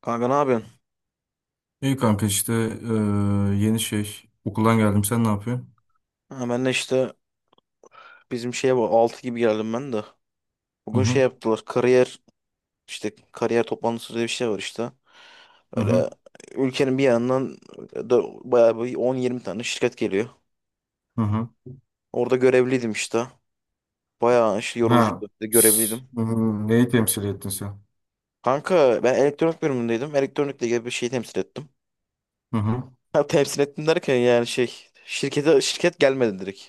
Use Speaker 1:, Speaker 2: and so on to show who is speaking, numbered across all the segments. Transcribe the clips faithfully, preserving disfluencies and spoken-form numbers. Speaker 1: Kanka ne yapıyorsun?
Speaker 2: İyi kanka işte eee, yeni şey okuldan geldim sen ne yapıyorsun?
Speaker 1: Ha, ben de işte bizim şeye bu altı gibi geldim ben de.
Speaker 2: Hı
Speaker 1: Bugün şey
Speaker 2: hı
Speaker 1: yaptılar kariyer işte kariyer toplantısı diye bir şey var işte.
Speaker 2: hı hı
Speaker 1: Öyle ülkenin bir yanından e, dö- bayağı bir on yirmi tane şirket geliyor.
Speaker 2: hı hı.
Speaker 1: Orada görevliydim işte. Bayağı işte
Speaker 2: Ha.
Speaker 1: yorucuydu.
Speaker 2: S-
Speaker 1: Görevliydim.
Speaker 2: hı hı. Neyi temsil ettin sen?
Speaker 1: Kanka ben elektronik bölümündeydim. Elektronikle ilgili bir şey temsil ettim.
Speaker 2: Hı hı.
Speaker 1: Ha, temsil ettim derken yani şey şirkete şirket gelmedi direkt.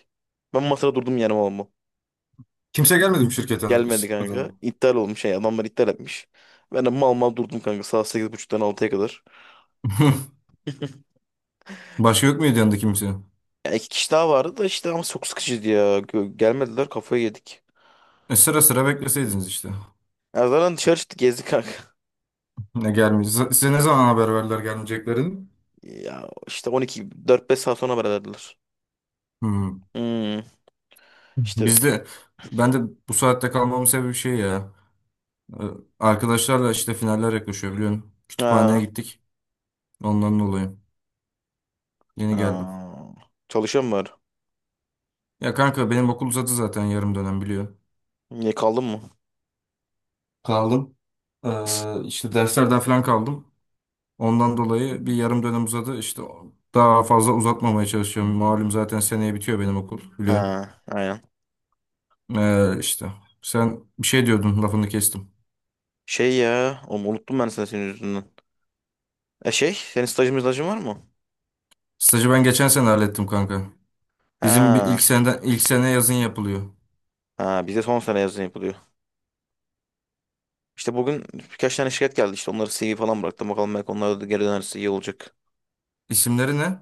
Speaker 1: Ben masada durdum yani oğlum.
Speaker 2: Kimse gelmedi mi şirkete
Speaker 1: Gelmedi
Speaker 2: is- adına?
Speaker 1: kanka. İptal olmuş şey adamlar iptal etmiş. Ben de mal mal durdum kanka saat sekiz buçuktan altıya kadar.
Speaker 2: Başka yok muydu yanında kimse?
Speaker 1: Ya iki kişi daha vardı da işte ama çok sıkıcıydı ya. Gö- Gelmediler kafayı yedik.
Speaker 2: E sıra sıra bekleseydiniz işte.
Speaker 1: Ya zaten dışarı çıktık gezdik kanka.
Speaker 2: Ne gelmiyor. Z- Size ne zaman haber verdiler gelmeyeceklerini?
Speaker 1: Ya işte on iki dört beş saat sonra haber verdiler.
Speaker 2: Hı.
Speaker 1: Hmm, işte
Speaker 2: Bizde ben de bu saatte kalmamın sebebi şey ya. e, Arkadaşlarla işte finaller yaklaşıyor biliyorsun. Kütüphaneye
Speaker 1: ha,
Speaker 2: gittik. Ondan dolayı. Yeni geldim.
Speaker 1: ha. Çalışıyor mu var?
Speaker 2: Ya kanka benim okul uzadı zaten yarım dönem biliyor.
Speaker 1: Niye kaldın mı?
Speaker 2: Kaldım. Ee, işte derslerden falan kaldım. Ondan dolayı bir yarım dönem uzadı. İşte daha fazla uzatmamaya çalışıyorum. Malum zaten seneye bitiyor benim okul biliyor.
Speaker 1: Ha, aynen.
Speaker 2: Ee, işte sen bir şey diyordun lafını kestim.
Speaker 1: Şey ya, oğlum unuttum ben seni senin yüzünden. E şey, senin stajın stajın var mı?
Speaker 2: Stajı ben geçen sene hallettim kanka. Bizim bir ilk
Speaker 1: Ha,
Speaker 2: seneden ilk sene yazın yapılıyor.
Speaker 1: ha bize son sene yazın yapılıyor. İşte bugün birkaç tane şirket geldi. İşte onları se ve falan bıraktım. Bakalım belki onlar da geri dönerse iyi olacak.
Speaker 2: İsimleri ne?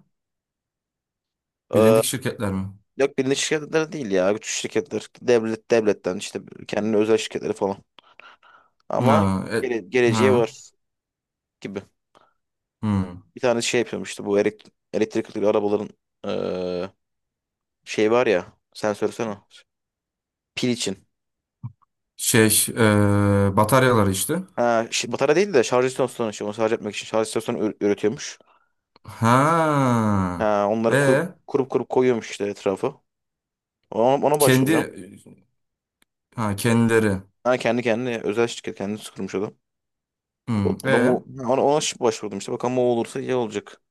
Speaker 1: Ee,
Speaker 2: Bilindik şirketler mi?
Speaker 1: yok bilindik şirketler değil ya. Güç şirketler. Devlet, devletten işte kendine özel şirketleri falan. Ama
Speaker 2: Ha, e-
Speaker 1: gele,
Speaker 2: ha,
Speaker 1: geleceği var gibi.
Speaker 2: hmm.
Speaker 1: Bir tane şey yapıyorum işte bu elek- elektrikli arabaların ee, şey var ya. Sen söylesene. Pil için.
Speaker 2: Şey, e, bataryaları işte.
Speaker 1: Ha, şi- batarya değil de şarj istasyonu. İşte onu şarj etmek için şarj istasyonu ür- üretiyormuş.
Speaker 2: Ha.
Speaker 1: Ha, onları kurup
Speaker 2: Ve
Speaker 1: kurup kurup koyuyormuş işte etrafı. Ona, ona
Speaker 2: kendi,
Speaker 1: başvuracağım.
Speaker 2: ha, kendileri.
Speaker 1: Ha, kendi kendine özel şirket kendisi kurmuş adam.
Speaker 2: Hmm.
Speaker 1: O, o da mu
Speaker 2: E
Speaker 1: ona, ona şıp başvurdum işte. Bakalım o olursa iyi olacak.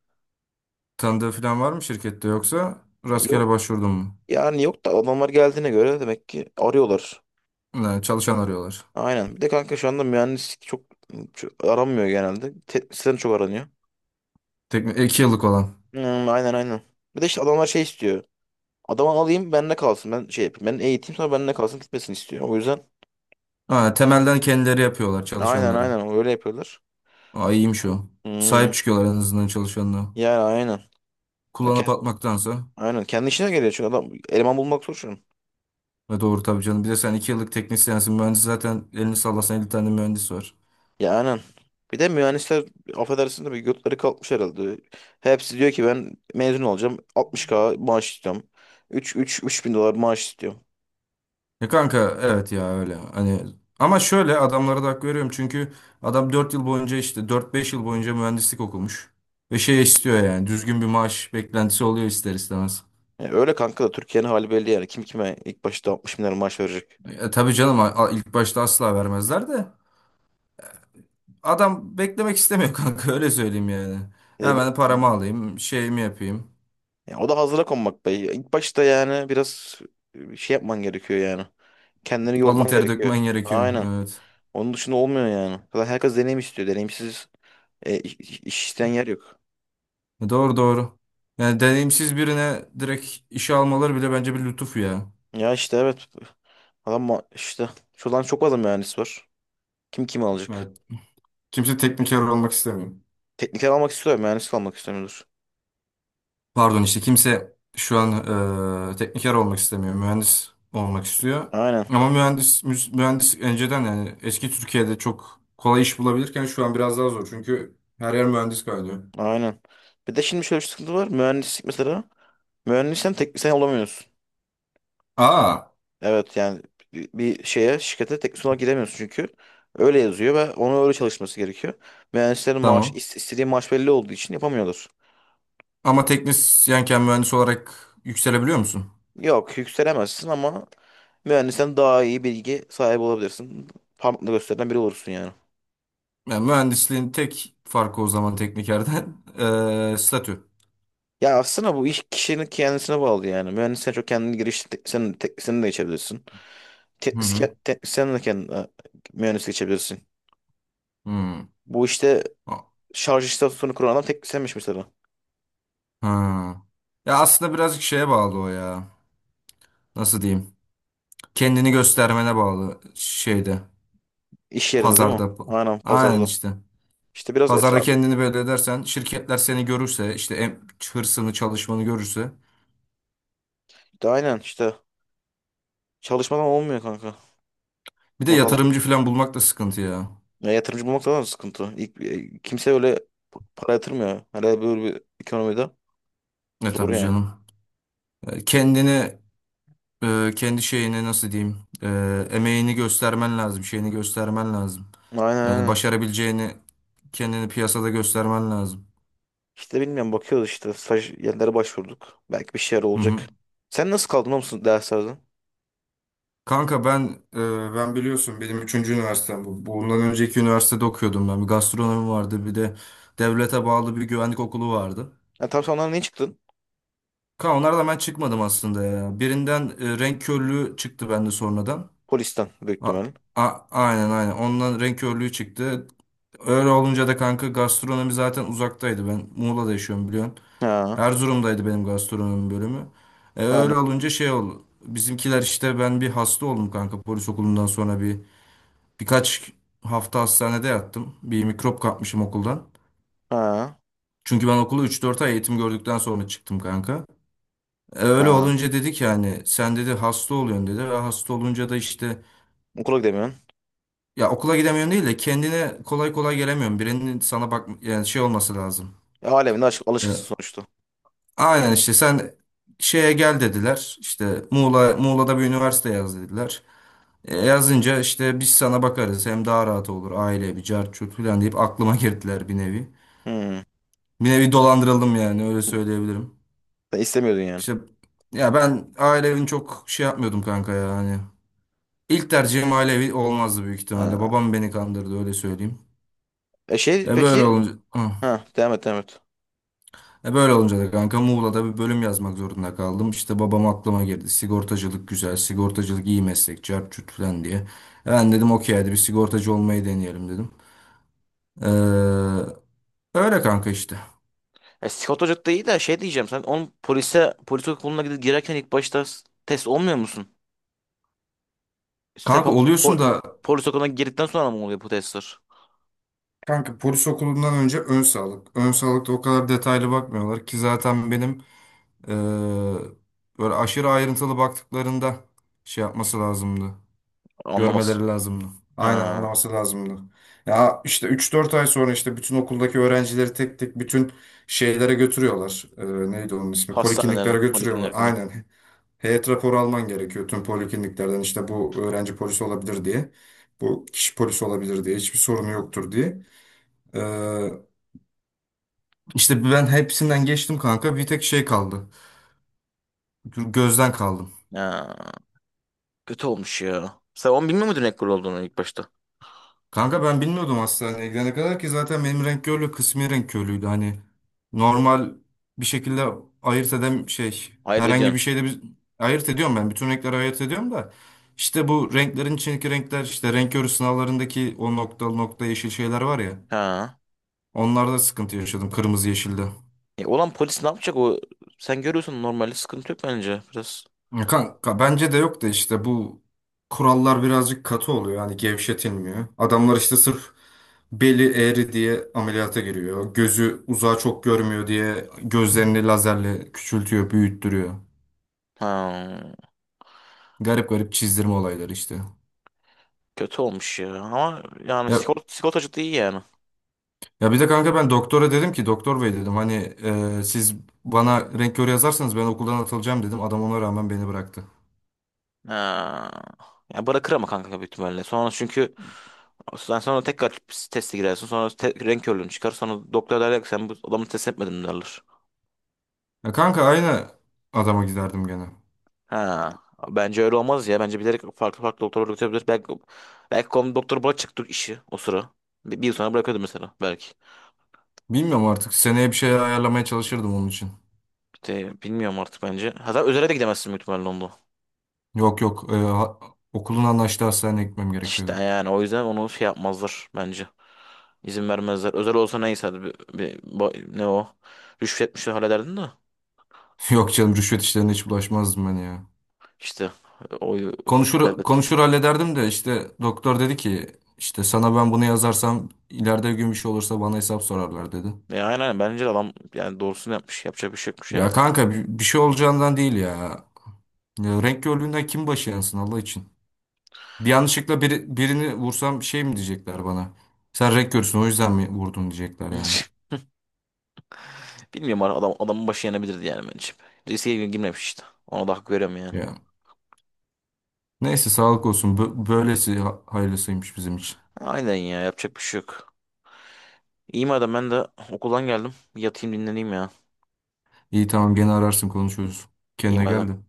Speaker 2: tanıdığı falan var mı şirkette yoksa
Speaker 1: Ya yok
Speaker 2: rastgele başvurdun mu?
Speaker 1: yani yok da adamlar geldiğine göre demek ki arıyorlar.
Speaker 2: Ha, çalışan arıyorlar.
Speaker 1: Aynen. Bir de kanka şu anda mühendislik çok, çok aranmıyor genelde. Teknisyen çok aranıyor.
Speaker 2: Tek, iki yıllık olan.
Speaker 1: Hmm, aynen aynen. Bir de işte adamlar şey istiyor. Adamı alayım benimle kalsın. Ben şey yapayım. Ben eğiteyim sonra benimle kalsın gitmesin istiyor. O yüzden
Speaker 2: Ha, temelden kendileri yapıyorlar
Speaker 1: aynen
Speaker 2: çalışanları.
Speaker 1: aynen öyle yapıyorlar.
Speaker 2: Aa, iyiymiş o. Sahip
Speaker 1: Hmm,
Speaker 2: çıkıyorlar en azından çalışanına.
Speaker 1: yani aynen. Ya
Speaker 2: Kullanıp
Speaker 1: ke-
Speaker 2: atmaktansa.
Speaker 1: aynen. Kendi işine geliyor çünkü adam eleman bulmak zor şu an.
Speaker 2: Ve doğru tabii canım. Bir de sen iki yıllık teknisyensin. Mühendis zaten elini sallasan elli tane mühendis var.
Speaker 1: Ya aynen. Bir de mühendisler affedersin de bir götleri kalkmış herhalde. Hepsi diyor ki ben mezun olacağım. altmış K maaş istiyorum. 3 3 bin dolar maaş istiyorum.
Speaker 2: Ya kanka evet ya öyle hani ama şöyle adamlara da hak veriyorum çünkü adam dört yıl boyunca işte dört beş yıl boyunca mühendislik okumuş ve şey istiyor yani düzgün bir maaş beklentisi oluyor ister istemez.
Speaker 1: Ya öyle kanka da Türkiye'nin hali belli yani. Kim kime ilk başta altmış bin lira maaş verecek.
Speaker 2: E, tabii canım a- a- ilk başta asla vermezler de adam beklemek istemiyor kanka öyle söyleyeyim yani.
Speaker 1: E, ben-
Speaker 2: Hemen paramı alayım şeyimi yapayım
Speaker 1: ya o da hazıra konmak be. İlk başta yani biraz e, şey yapman gerekiyor yani. Kendini
Speaker 2: alın
Speaker 1: yorman
Speaker 2: teri
Speaker 1: gerekiyor.
Speaker 2: dökmen gerekiyor
Speaker 1: Aynen.
Speaker 2: evet.
Speaker 1: Onun dışında olmuyor yani. Zaten herkes deneyim istiyor. Deneyimsiz e, iş, iş isteyen yer yok.
Speaker 2: E, doğru doğru yani deneyimsiz birine direkt işe almaları bile bence bir lütuf ya.
Speaker 1: Ya işte evet. Adam ma- işte şuradan çok fazla mühendis var. Kim kimi alacak?
Speaker 2: Evet. Kimse tekniker olmak istemiyor.
Speaker 1: Tekniker almak istiyor, mühendis almak istemiyordur.
Speaker 2: Pardon işte kimse şu an e, tekniker olmak istemiyor. Mühendis olmak istiyor.
Speaker 1: Aynen,
Speaker 2: Ama mühendis müs- mühendis önceden yani eski Türkiye'de çok kolay iş bulabilirken şu an biraz daha zor. Çünkü her yer mühendis kaynıyor.
Speaker 1: aynen. Bir de şimdi şöyle bir sıkıntı var. Mühendislik mesela. Mühendisten teknisyen olamıyorsun.
Speaker 2: Aa
Speaker 1: Evet yani bir bir şeye, şirkete teknisyen olarak giremiyorsun çünkü. Öyle yazıyor ve ona öyle çalışması gerekiyor. Mühendislerin maaş,
Speaker 2: tamam.
Speaker 1: is- istediği maaş belli olduğu için yapamıyorlar.
Speaker 2: Ama teknisyenken mühendis olarak yükselebiliyor musun?
Speaker 1: Yok, yükselemezsin ama mühendisten daha iyi bilgi sahibi olabilirsin. Parmakla gösterilen biri olursun yani.
Speaker 2: Yani mühendisliğin tek farkı o zaman teknikerden e, statü.
Speaker 1: Ya aslında bu iş kişinin kendisine bağlı yani. Mühendisliğe çok kendini girişti. Sen, te, sen de geçebilirsin.
Speaker 2: Hı hı.
Speaker 1: Teknisyen, teknisyen de kendine mühendislik geçebilirsin.
Speaker 2: Hı.
Speaker 1: Bu işte
Speaker 2: A-
Speaker 1: şarj istasyonu kuran adam teknisyenmiş mesela.
Speaker 2: Ha. Ya aslında birazcık şeye bağlı o ya. Nasıl diyeyim? Kendini göstermene bağlı şeyde.
Speaker 1: İş yerinde değil mi?
Speaker 2: Pazarda.
Speaker 1: Aynen
Speaker 2: Aynen
Speaker 1: pazarda.
Speaker 2: işte.
Speaker 1: İşte biraz
Speaker 2: Pazarda
Speaker 1: etraf.
Speaker 2: kendini belli edersen şirketler seni görürse işte em- hırsını çalışmanı görürse.
Speaker 1: De aynen işte çalışmadan olmuyor kanka.
Speaker 2: Bir de
Speaker 1: Bakalım.
Speaker 2: yatırımcı falan bulmak da sıkıntı ya.
Speaker 1: Ya yatırımcı bulmak da sıkıntı. İlk, e, kimse öyle para yatırmıyor. Hele böyle bir ekonomide
Speaker 2: E
Speaker 1: zor
Speaker 2: tabii
Speaker 1: yani.
Speaker 2: canım. E, Kendini e, kendi şeyini nasıl diyeyim, e, emeğini göstermen lazım şeyini göstermen lazım.
Speaker 1: Aynen
Speaker 2: Yani
Speaker 1: aynen.
Speaker 2: başarabileceğini kendini piyasada göstermen lazım.
Speaker 1: İşte bilmiyorum bakıyoruz işte staj yerlere başvurduk. Belki bir şeyler
Speaker 2: Hı
Speaker 1: olacak.
Speaker 2: hı.
Speaker 1: Sen nasıl kaldın o musun derslerden?
Speaker 2: Kanka ben e, ben biliyorsun benim üçüncü üniversitem bu. Bundan önceki üniversitede okuyordum ben. Bir gastronomi vardı, bir de devlete bağlı bir güvenlik okulu vardı.
Speaker 1: Ha, tam sonradan ne çıktın?
Speaker 2: Kanka onlardan ben çıkmadım aslında ya. Birinden e, renk körlüğü çıktı bende sonradan.
Speaker 1: Polisten büyük
Speaker 2: A,
Speaker 1: ihtimalle.
Speaker 2: a- aynen aynen. Ondan renk körlüğü çıktı. Öyle olunca da kanka gastronomi zaten uzaktaydı. Ben Muğla'da yaşıyorum biliyorsun.
Speaker 1: Ha,
Speaker 2: Erzurum'daydı benim gastronomi bölümü. E, öyle
Speaker 1: aynen.
Speaker 2: olunca şey oldu. Bizimkiler işte ben bir hasta oldum kanka polis okulundan sonra bir Birkaç hafta hastanede yattım. Bir mikrop kapmışım okuldan.
Speaker 1: Ha,
Speaker 2: Çünkü ben okulu üç dört ay eğitim gördükten sonra çıktım kanka. E, öyle
Speaker 1: ha.
Speaker 2: olunca dedik yani sen dedi hasta oluyorsun dedi. Ve hasta olunca da işte
Speaker 1: Okula gidemiyorsun.
Speaker 2: ya okula gidemiyorsun değil de kendine kolay kolay gelemiyorsun. Birinin sana bak yani şey olması lazım.
Speaker 1: E, aleminde alış alışkısın
Speaker 2: E,
Speaker 1: sonuçta.
Speaker 2: aynen işte sen şeye gel dediler. İşte Muğla, Muğla'da bir üniversite yaz dediler. E, yazınca işte biz sana bakarız hem daha rahat olur aile bir cart curt falan deyip aklıma girdiler bir nevi.
Speaker 1: Hmm.
Speaker 2: Bir nevi dolandırıldım yani öyle söyleyebilirim.
Speaker 1: Sen istemiyordun yani.
Speaker 2: İşte ya ben aile çok şey yapmıyordum kanka ya hani. İlk tercihim ailevi olmazdı büyük ihtimalle.
Speaker 1: Ha.
Speaker 2: Babam beni kandırdı öyle söyleyeyim.
Speaker 1: E şey
Speaker 2: E böyle
Speaker 1: peki?
Speaker 2: olunca hı.
Speaker 1: Ha, devam et devam et.
Speaker 2: E böyle olunca da kanka Muğla'da bir bölüm yazmak zorunda kaldım. İşte babam aklıma girdi. Sigortacılık güzel, sigortacılık iyi meslek, çarçurt falan diye. E ben dedim okey hadi bir sigortacı olmayı deneyelim dedim. Ee, öyle kanka işte.
Speaker 1: E, Scott Hoca da iyi de şey diyeceğim. Sen onun polise, polis okuluna gidip girerken ilk başta s- test olmuyor musun?
Speaker 2: Kanka
Speaker 1: Sepam,
Speaker 2: oluyorsun
Speaker 1: pol,
Speaker 2: da.
Speaker 1: polis okuluna girdikten sonra mı oluyor bu testler?
Speaker 2: Kanka polis okulundan önce ön sağlık. Ön sağlıkta o kadar detaylı bakmıyorlar ki zaten benim eee, böyle aşırı ayrıntılı baktıklarında şey yapması lazımdı.
Speaker 1: Anlamaz.
Speaker 2: Görmeleri lazımdı. Aynen
Speaker 1: Ha.
Speaker 2: anlaması lazımdı. Ya işte üç dört ay sonra işte bütün okuldaki öğrencileri tek tek bütün şeylere götürüyorlar. Eee, neydi onun ismi?
Speaker 1: Hastaneler,
Speaker 2: Polikliniklere götürüyorlar.
Speaker 1: poliklinler falan.
Speaker 2: Aynen. Heyet raporu alman gerekiyor tüm polikliniklerden işte bu öğrenci polisi olabilir diye. Bu kişi polisi olabilir diye. Hiçbir sorunu yoktur diye. İşte ben hepsinden geçtim kanka. Bir tek şey kaldı. Gözden kaldım.
Speaker 1: Ya, kötü olmuş ya. Sen onu bilmiyor muydun ekol olduğunu ilk başta?
Speaker 2: Kanka ben bilmiyordum hastaneye gidene kadar ki zaten benim renk körlüğü kısmi renk körlüğüydü. Hani normal bir şekilde ayırt edem şey
Speaker 1: Ayırt
Speaker 2: herhangi bir
Speaker 1: ediyorsun.
Speaker 2: şeyde bir ayırt ediyorum ben. Bütün renkleri ayırt ediyorum da işte bu renklerin içindeki renkler işte renk körü sınavlarındaki o noktalı nokta yeşil şeyler var ya.
Speaker 1: Ha.
Speaker 2: Onlarda sıkıntı yaşadım kırmızı yeşilde.
Speaker 1: E, olan polis ne yapacak o? Sen görüyorsun normalde sıkıntı yok bence biraz.
Speaker 2: Ya, kanka bence de yok da işte bu kurallar birazcık katı oluyor. Hani gevşetilmiyor. Adamlar işte sırf beli eğri diye ameliyata giriyor. Gözü uzağa çok görmüyor diye gözlerini lazerle küçültüyor, büyüttürüyor.
Speaker 1: Ha.
Speaker 2: Garip garip çizdirme olayları işte.
Speaker 1: Kötü olmuş ya. Ama yani
Speaker 2: Ya,
Speaker 1: sigorta, sigortacı da iyi yani.
Speaker 2: ya bir de kanka ben doktora dedim ki doktor bey dedim hani, e, siz bana renk körü yazarsanız ben okuldan atılacağım dedim. Adam ona rağmen beni bıraktı.
Speaker 1: Ha. Ya bırakır ama kanka büyük ihtimalle. Sonra çünkü sen sonra tekrar teste girersin. Sonra te- renk körlüğün çıkar. Sonra doktor derler ki sen bu adamı test etmedin derler.
Speaker 2: Ya kanka aynı adama giderdim gene.
Speaker 1: Ha, bence öyle olmaz ya. Bence bilerek farklı farklı doktorlar üretebilir. Belki, belki konu doktor bırakacaktık işi o sıra. Bir, bir yıl sonra bırakıyordu mesela belki.
Speaker 2: Bilmiyorum artık seneye bir şey ayarlamaya çalışırdım onun için.
Speaker 1: İşte bilmiyorum artık bence. Hatta özele de gidemezsin büyük ihtimalle onda.
Speaker 2: Yok yok. Ee, ha- okulun anlaştığı hastaneye gitmem
Speaker 1: İşte
Speaker 2: gerekiyordu.
Speaker 1: yani o yüzden onu şey yapmazlar bence. İzin vermezler. Özel olsa neyse hadi bir, bir- ba- ne o? Rüşvetmişler hallederdin de.
Speaker 2: Yok canım rüşvet işlerine hiç bulaşmazdım ben ya.
Speaker 1: İşte o
Speaker 2: Konuşur
Speaker 1: devlet.
Speaker 2: konuşur hallederdim de işte doktor dedi ki işte sana ben bunu yazarsam ileride bir gün bir şey olursa bana hesap sorarlar dedi.
Speaker 1: E, aynen aynen. Bence de adam yani doğrusunu yapmış. Yapacak bir şey yokmuş yani.
Speaker 2: Ya kanka bir, bir şey olacağından değil ya. Ya renk körlüğünden kim başı yansın Allah için. Bir yanlışlıkla biri- birini vursam şey mi diyecekler bana? Sen renk görsün o yüzden mi vurdun diyecekler yani.
Speaker 1: Bilmiyorum adam, adamın başı yanabilirdi yani bence. Riske girmemiş işte. Ona da hak veriyorum yani.
Speaker 2: Ya. Neyse sağlık olsun. Bö- böylesi ha- hayırlısıymış bizim için.
Speaker 1: Aynen ya yapacak bir şey yok. İyi madem ben de okuldan geldim. Bir yatayım dinleneyim ya.
Speaker 2: İyi tamam gene ararsın konuşuruz.
Speaker 1: İyi
Speaker 2: Kendine
Speaker 1: madem.
Speaker 2: gel de.